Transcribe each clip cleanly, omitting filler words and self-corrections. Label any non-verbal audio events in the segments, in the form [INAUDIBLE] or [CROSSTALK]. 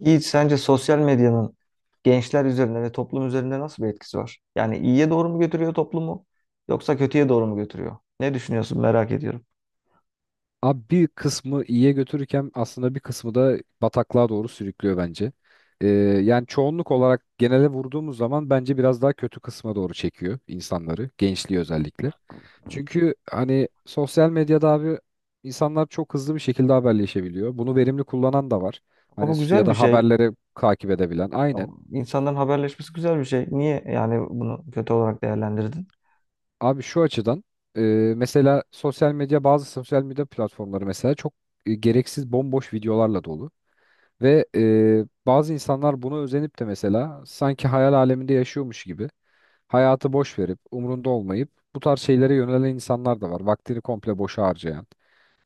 Yiğit, sence sosyal medyanın gençler üzerinde ve toplum üzerinde nasıl bir etkisi var? Yani iyiye doğru mu götürüyor toplumu yoksa kötüye doğru mu götürüyor? Ne düşünüyorsun merak ediyorum. Abi bir kısmı iyiye götürürken aslında bir kısmı da bataklığa doğru sürüklüyor bence. Yani çoğunluk olarak genele vurduğumuz zaman bence biraz daha kötü kısma doğru çekiyor insanları, gençliği özellikle. Çünkü hani sosyal medyada abi insanlar çok hızlı bir şekilde haberleşebiliyor. Bunu verimli kullanan da var. Ama Hani bu ya güzel bir da şey. haberleri takip edebilen. Aynen. İnsanların haberleşmesi güzel bir şey. Niye yani bunu kötü olarak değerlendirdin? Abi şu açıdan e, mesela sosyal medya bazı sosyal medya platformları mesela çok gereksiz bomboş videolarla dolu. Ve bazı insanlar buna özenip de mesela sanki hayal aleminde yaşıyormuş gibi hayatı boş verip umrunda olmayıp bu tarz şeylere yönelen insanlar da var. Vaktini komple boşa harcayan.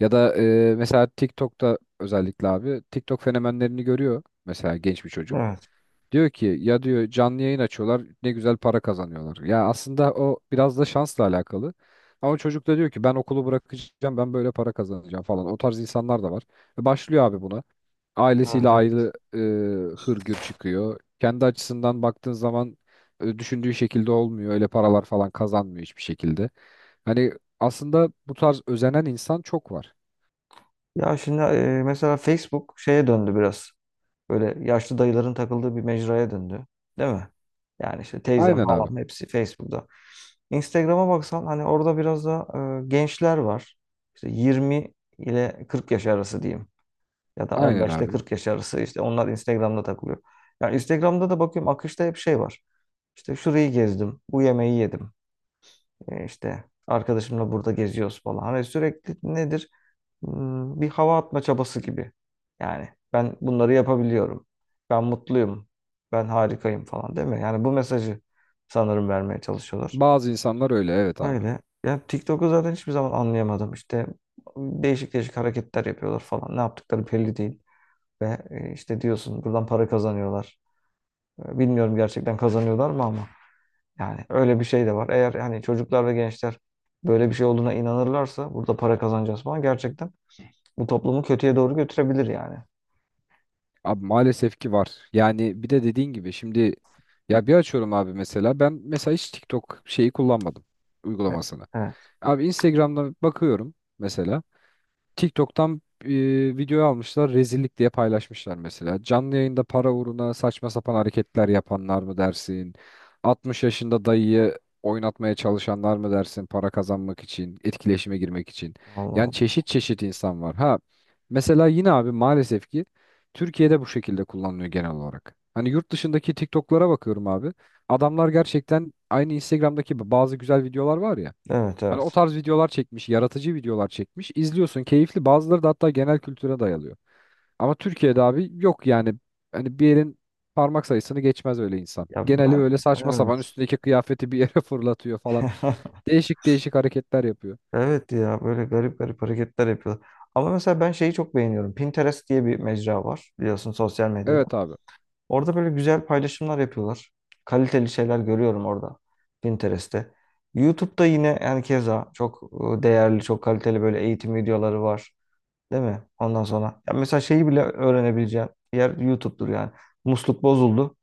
Ya da mesela TikTok'ta özellikle abi TikTok fenomenlerini görüyor mesela genç bir çocuk. Evet. Diyor ki ya diyor canlı yayın açıyorlar ne güzel para kazanıyorlar. Ya aslında o biraz da şansla alakalı. Ama çocuk da diyor ki ben okulu bırakacağım ben böyle para kazanacağım falan. O tarz insanlar da var. Ve başlıyor abi buna Evet, ailesiyle evet. ayrı hırgür çıkıyor. Kendi açısından baktığın zaman düşündüğü şekilde olmuyor. Öyle paralar falan kazanmıyor hiçbir şekilde. Hani aslında bu tarz özenen insan çok var. Ya şimdi mesela Facebook şeye döndü biraz. Böyle yaşlı dayıların takıldığı bir mecraya döndü. Değil mi? Yani işte teyzem, Aynen abi. halam hepsi Facebook'ta. Instagram'a baksan hani orada biraz da gençler var. İşte 20 ile 40 yaş arası diyeyim. Ya da Aynen 15 ile abi. 40 yaş arası işte onlar Instagram'da takılıyor. Yani Instagram'da da bakıyorum akışta hep şey var. İşte şurayı gezdim, bu yemeği yedim. E, işte arkadaşımla burada geziyoruz falan. Hani sürekli nedir? Bir hava atma çabası gibi. Yani ben bunları yapabiliyorum. Ben mutluyum. Ben harikayım falan değil mi? Yani bu mesajı sanırım vermeye çalışıyorlar. Bazı insanlar öyle, evet abi. Öyle. Ya TikTok'u zaten hiçbir zaman anlayamadım. İşte değişik değişik hareketler yapıyorlar falan. Ne yaptıkları belli değil. Ve işte diyorsun buradan para kazanıyorlar. Bilmiyorum gerçekten kazanıyorlar mı ama. Yani öyle bir şey de var. Eğer hani çocuklar ve gençler böyle bir şey olduğuna inanırlarsa burada para kazanacağız falan gerçekten bu toplumu kötüye doğru götürebilir yani. Abi maalesef ki var. Yani bir de dediğin gibi şimdi ya bir açıyorum abi, mesela ben mesela hiç TikTok şeyi kullanmadım, E, uygulamasını. Evet. Abi Instagram'da bakıyorum mesela. TikTok'tan video almışlar, rezillik diye paylaşmışlar mesela. Canlı yayında para uğruna saçma sapan hareketler yapanlar mı dersin? 60 yaşında dayıyı oynatmaya çalışanlar mı dersin, para kazanmak için, etkileşime girmek için? Allah Yani Allah. çeşit çeşit insan var. Ha mesela yine abi maalesef ki Türkiye'de bu şekilde kullanılıyor genel olarak. Hani yurt dışındaki TikTok'lara bakıyorum abi. Adamlar gerçekten, aynı Instagram'daki bazı güzel videolar var ya, Evet hani o evet. tarz videolar çekmiş, yaratıcı videolar çekmiş. İzliyorsun, keyifli. Bazıları da hatta genel kültüre dayalıyor. Ama Türkiye'de abi yok yani. Hani bir yerin parmak sayısını geçmez öyle insan. Ya Geneli ben öyle saçma sapan, evet. üstündeki kıyafeti bir yere [LAUGHS] fırlatıyor falan. [LAUGHS] Değişik değişik hareketler yapıyor. Evet ya böyle garip garip hareketler yapıyorlar. Ama mesela ben şeyi çok beğeniyorum. Pinterest diye bir mecra var biliyorsun sosyal medyada. Evet abi. Orada böyle güzel paylaşımlar yapıyorlar. Kaliteli şeyler görüyorum orada Pinterest'te. YouTube'da yine yani keza çok değerli, çok kaliteli böyle eğitim videoları var. Değil mi? Ondan sonra ya mesela şeyi bile öğrenebileceğin yer YouTube'dur yani. Musluk bozuldu.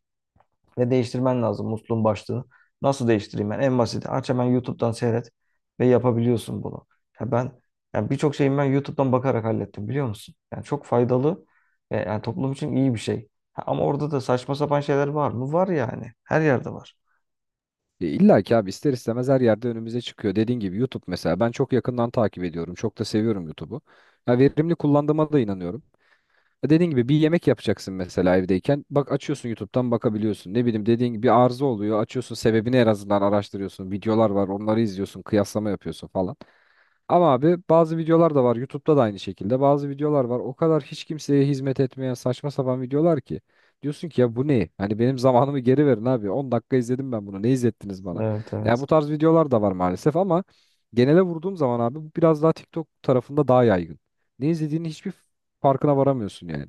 Ve değiştirmen lazım musluğun başlığını. Nasıl değiştireyim ben? En basiti. Aç hemen YouTube'dan seyret ve yapabiliyorsun bunu. Ya ben yani birçok şeyimi ben YouTube'dan bakarak hallettim biliyor musun? Yani çok faydalı ve yani toplum için iyi bir şey. Ha, ama orada da saçma sapan şeyler var mı? Var yani. Her yerde var. E illa ki abi, ister istemez her yerde önümüze çıkıyor. Dediğin gibi YouTube mesela, ben çok yakından takip ediyorum. Çok da seviyorum YouTube'u. Ya verimli kullandığıma da inanıyorum. Dediğin gibi bir yemek yapacaksın mesela evdeyken. Bak, açıyorsun YouTube'dan, bakabiliyorsun. Ne bileyim, dediğin gibi bir arıza oluyor. Açıyorsun, sebebini en azından araştırıyorsun. Videolar var, onları izliyorsun. Kıyaslama yapıyorsun falan. Ama abi bazı videolar da var. YouTube'da da aynı şekilde. Bazı videolar var, o kadar hiç kimseye hizmet etmeyen saçma sapan videolar ki. Diyorsun ki ya bu ne? Hani benim zamanımı geri verin abi. 10 dakika izledim ben bunu. Ne izlettiniz bana? Evet Ya bu evet. tarz videolar da var maalesef, ama genele vurduğum zaman abi bu biraz daha TikTok tarafında daha yaygın. Ne izlediğini hiçbir, farkına varamıyorsun yani.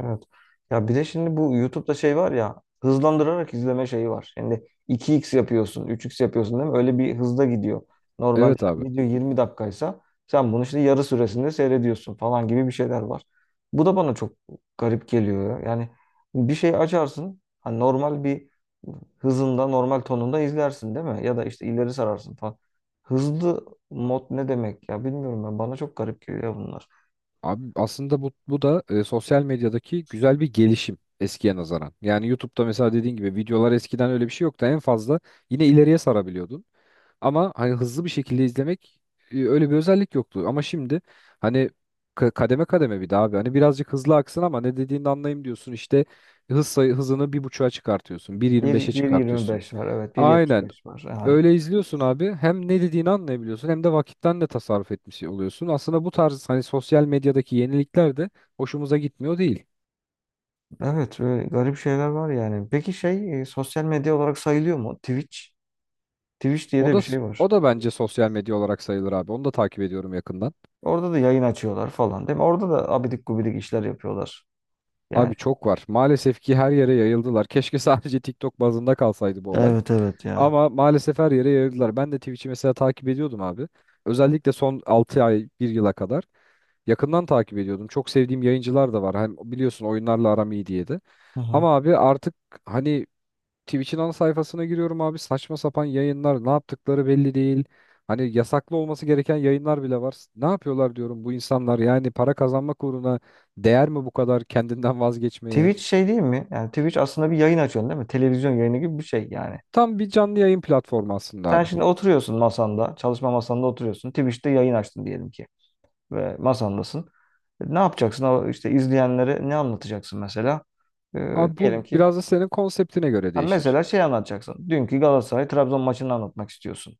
Evet. Ya bir de şimdi bu YouTube'da şey var ya hızlandırarak izleme şeyi var. Şimdi 2x yapıyorsun, 3x yapıyorsun değil mi? Öyle bir hızda gidiyor. Normalde Evet abi. video 20 dakikaysa sen bunu işte yarı süresinde seyrediyorsun falan gibi bir şeyler var. Bu da bana çok garip geliyor ya. Yani bir şey açarsın, hani normal bir hızında, normal tonunda izlersin değil mi? Ya da işte ileri sararsın falan. Hızlı mod ne demek ya bilmiyorum ben. Bana çok garip geliyor bunlar. Abi aslında bu da sosyal medyadaki güzel bir gelişim eskiye nazaran. Yani YouTube'da mesela dediğin gibi videolar, eskiden öyle bir şey yoktu. En fazla yine ileriye sarabiliyordun. Ama hani hızlı bir şekilde izlemek öyle bir özellik yoktu. Ama şimdi hani kademe kademe bir daha abi. Hani birazcık hızlı aksın ama ne dediğini anlayayım diyorsun. İşte hız sayı hızını bir buçuğa çıkartıyorsun. 1.25'e çıkartıyorsun. 1.25 var evet bir yetmiş Aynen. beş var yani Öyle izliyorsun abi. Hem ne dediğini anlayabiliyorsun, hem de vakitten de tasarruf etmiş oluyorsun. Aslında bu tarz hani sosyal medyadaki yenilikler de hoşumuza gitmiyor değil. evet öyle garip şeyler var yani peki şey sosyal medya olarak sayılıyor mu Twitch? Twitch diye O de da bir şey var, o da bence sosyal medya olarak sayılır abi. Onu da takip ediyorum yakından. orada da yayın açıyorlar falan değil mi? Orada da abidik gubidik işler yapıyorlar yani. Abi çok var. Maalesef ki her yere yayıldılar. [LAUGHS] Keşke sadece TikTok bazında kalsaydı bu olay. Evet evet ya. Ama maalesef her yere yayıldılar. Ben de Twitch'i mesela takip ediyordum abi. Özellikle son 6 ay bir yıla kadar. Yakından takip ediyordum. Çok sevdiğim yayıncılar da var. Hem biliyorsun oyunlarla aram iyi diye de. Hı hı. Ama abi artık hani Twitch'in ana sayfasına giriyorum abi. Saçma sapan yayınlar, ne yaptıkları belli değil. Hani yasaklı olması gereken yayınlar bile var. Ne yapıyorlar diyorum bu insanlar. Yani para kazanmak uğruna değer mi bu kadar kendinden vazgeçmeye? Twitch şey değil mi, yani Twitch aslında bir yayın açıyorsun değil mi, televizyon yayını gibi bir şey yani. Tam bir canlı yayın platformu aslında Sen abi. şimdi oturuyorsun masanda, çalışma masanda oturuyorsun, Twitch'te yayın açtın diyelim ki ve masandasın. Ne yapacaksın? O İşte izleyenlere ne anlatacaksın mesela? Ee, Abi bu diyelim ki, biraz da senin konseptine göre ha değişir. mesela şey anlatacaksın. Dünkü Galatasaray Trabzon maçını anlatmak istiyorsun.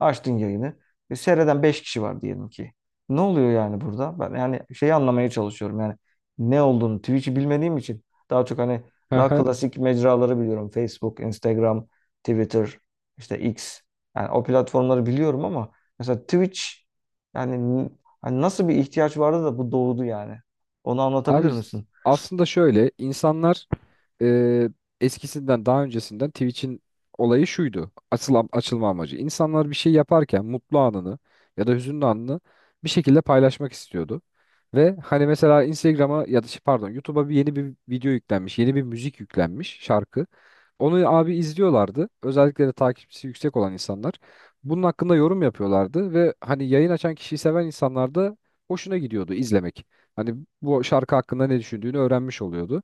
Açtın yayını. E, seyreden 5 kişi var diyelim ki. Ne oluyor yani burada? Ben yani şeyi anlamaya çalışıyorum. Yani ne olduğunu, Twitch'i bilmediğim için, daha çok hani daha [LAUGHS] klasik mecraları biliyorum. Facebook, Instagram, Twitter, işte X. Yani o platformları biliyorum ama mesela Twitch, yani n- hani nasıl bir ihtiyaç vardı da bu doğdu yani. Onu anlatabilir Abi misin? aslında şöyle, insanlar e, eskisinden, daha öncesinden Twitch'in olayı şuydu, Açılan, açılma amacı. İnsanlar bir şey yaparken mutlu anını ya da hüzünlü anını bir şekilde paylaşmak istiyordu. Ve hani mesela Instagram'a ya da şey, pardon YouTube'a bir yeni bir video yüklenmiş, yeni bir müzik yüklenmiş, şarkı. Onu abi izliyorlardı, özellikle de takipçisi yüksek olan insanlar. Bunun hakkında yorum yapıyorlardı ve hani yayın açan kişiyi seven insanlar da hoşuna gidiyordu izlemek. Hani bu şarkı hakkında ne düşündüğünü öğrenmiş oluyordu.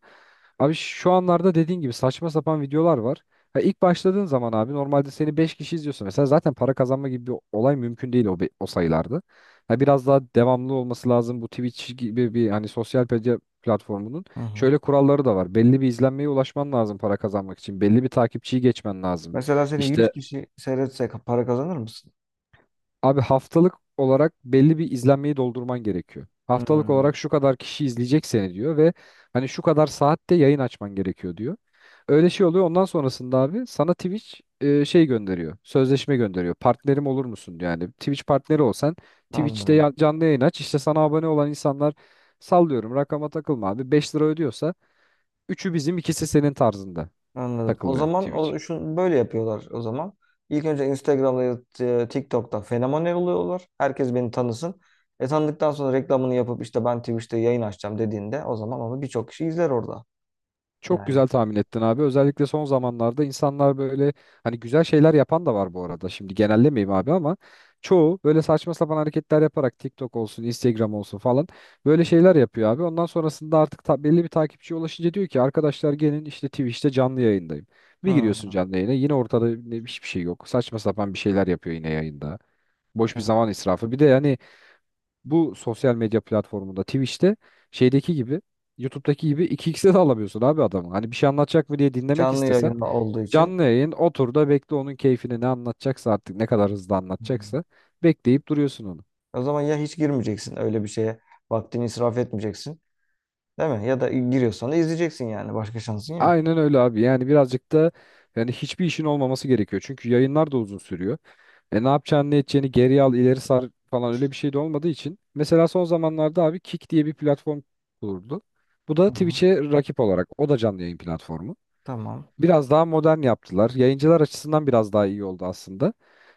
Abi şu anlarda dediğin gibi saçma sapan videolar var. Ha ilk başladığın zaman abi normalde seni 5 kişi izliyorsa mesela, zaten para kazanma gibi bir olay mümkün değil o sayılarda. Ha biraz daha devamlı olması lazım bu Twitch gibi bir hani sosyal medya platformunun. Hı hı. Şöyle kuralları da var. Belli bir izlenmeye ulaşman lazım para kazanmak için. Belli bir takipçiyi geçmen lazım. Mesela seni 100 İşte kişi seyretse para kazanır mısın? abi, haftalık olarak belli bir izlenmeyi doldurman gerekiyor. Haftalık Hmm, olarak şu kadar kişi izleyecek seni diyor ve hani şu kadar saatte yayın açman gerekiyor diyor. Öyle şey oluyor. Ondan sonrasında abi sana Twitch şey gönderiyor, sözleşme gönderiyor. Partnerim olur musun diyor. Yani Twitch partneri olsan, Twitch'te anladım. Canlı yayın aç, İşte sana abone olan insanlar, sallıyorum, rakama takılma abi, 5 lira ödüyorsa üçü bizim, ikisi senin tarzında Anladım. O takılıyor zaman Twitch. o şunu böyle yapıyorlar o zaman. İlk önce Instagram'da ya da, TikTok'ta fenomen oluyorlar. Herkes beni tanısın. E tanıdıktan sonra reklamını yapıp işte ben Twitch'te yayın açacağım dediğinde o zaman onu birçok kişi izler orada. Çok Yani. güzel tahmin ettin abi. Özellikle son zamanlarda insanlar böyle, hani güzel şeyler yapan da var bu arada, şimdi genellemeyeyim abi, ama çoğu böyle saçma sapan hareketler yaparak TikTok olsun, Instagram olsun falan böyle şeyler yapıyor abi. Ondan sonrasında artık belli bir takipçiye ulaşınca diyor ki arkadaşlar gelin, işte Twitch'te canlı yayındayım. Bir giriyorsun Hmm, canlı yayına, yine ortada hiçbir şey yok. Saçma sapan bir şeyler yapıyor yine yayında. Boş bir zaman evet. israfı. Bir de yani bu sosyal medya platformunda Twitch'te şeydeki gibi, YouTube'daki gibi iki xe de alamıyorsun abi adamı. Hani bir şey anlatacak mı diye dinlemek Canlı istesen, yayında olduğu için. canlı yayın, otur da bekle onun keyfini, ne anlatacaksa artık, ne kadar hızlı Hmm. anlatacaksa bekleyip duruyorsun onu. O zaman ya hiç girmeyeceksin öyle bir şeye. Vaktini israf etmeyeceksin. Değil mi? Ya da giriyorsan da izleyeceksin yani. Başka şansın yok. Aynen öyle abi, yani birazcık da, yani hiçbir işin olmaması gerekiyor. Çünkü yayınlar da uzun sürüyor. Ne yapacağını, ne edeceğini, geri al, ileri sar falan, öyle bir şey de olmadığı için. Mesela son zamanlarda abi Kick diye bir platform kuruldu. Bu da Hı hı. Twitch'e rakip olarak, o da canlı yayın platformu. Tamam. Biraz daha modern yaptılar. Yayıncılar açısından biraz daha iyi oldu aslında.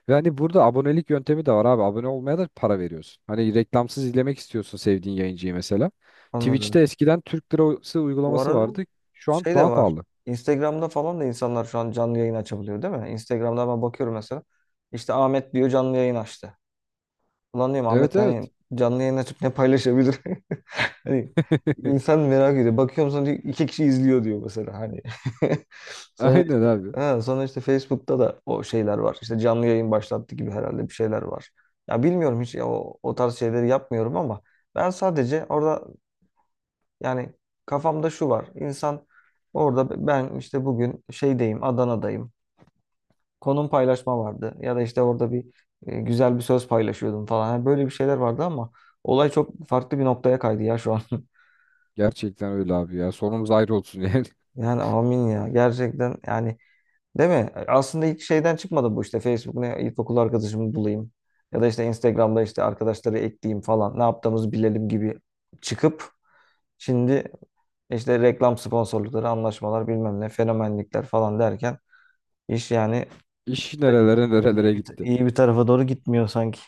Ve hani burada abonelik yöntemi de var abi. Abone olmaya da para veriyorsun. Hani reklamsız izlemek istiyorsun sevdiğin yayıncıyı mesela. Twitch'te Anladım. eskiden Türk lirası Bu uygulaması arada vardı. Şu an şey de daha var. pahalı. Instagram'da falan da insanlar şu an canlı yayın açabiliyor değil mi? Instagram'da ben bakıyorum mesela. İşte Ahmet diyor canlı yayın açtı. Ulan diyorum Evet, Ahmet evet. hani canlı yayın açıp ne paylaşabilir? [LAUGHS] Hani [LAUGHS] insan merak ediyor. Bakıyorum sonra diyor, 2 kişi izliyor diyor mesela hani. [LAUGHS] Sonra Aynen işte abi. ha, sonra işte Facebook'ta da o şeyler var. İşte canlı yayın başlattı gibi herhalde bir şeyler var. Ya bilmiyorum hiç ya o tarz şeyleri yapmıyorum ama ben sadece orada yani kafamda şu var. İnsan orada ben işte bugün şeydeyim, Adana'dayım. Konum paylaşma vardı. Ya da işte orada bir güzel bir söz paylaşıyordum falan. Yani böyle bir şeyler vardı ama olay çok farklı bir noktaya kaydı ya şu an. [LAUGHS] Gerçekten öyle abi ya. Sonumuz ayrı olsun yani. [LAUGHS] Yani amin ya. Gerçekten yani değil mi? Aslında ilk şeyden çıkmadı bu işte. Facebook'ta ilkokul arkadaşımı bulayım. Ya da işte Instagram'da işte arkadaşları ekleyeyim falan. Ne yaptığımızı bilelim gibi çıkıp şimdi işte reklam sponsorlukları, anlaşmalar bilmem ne, fenomenlikler falan derken İş yani İş nerelere iyi nerelere bir, gitti. iyi bir tarafa doğru gitmiyor sanki.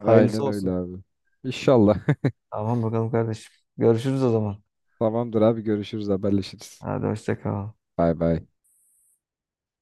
Hayırlısı öyle olsun. abi. İnşallah. Tamam bakalım kardeşim. Görüşürüz o zaman. [LAUGHS] Tamamdır abi, görüşürüz, haberleşiriz. Hadi hoşça kal. Bay bay.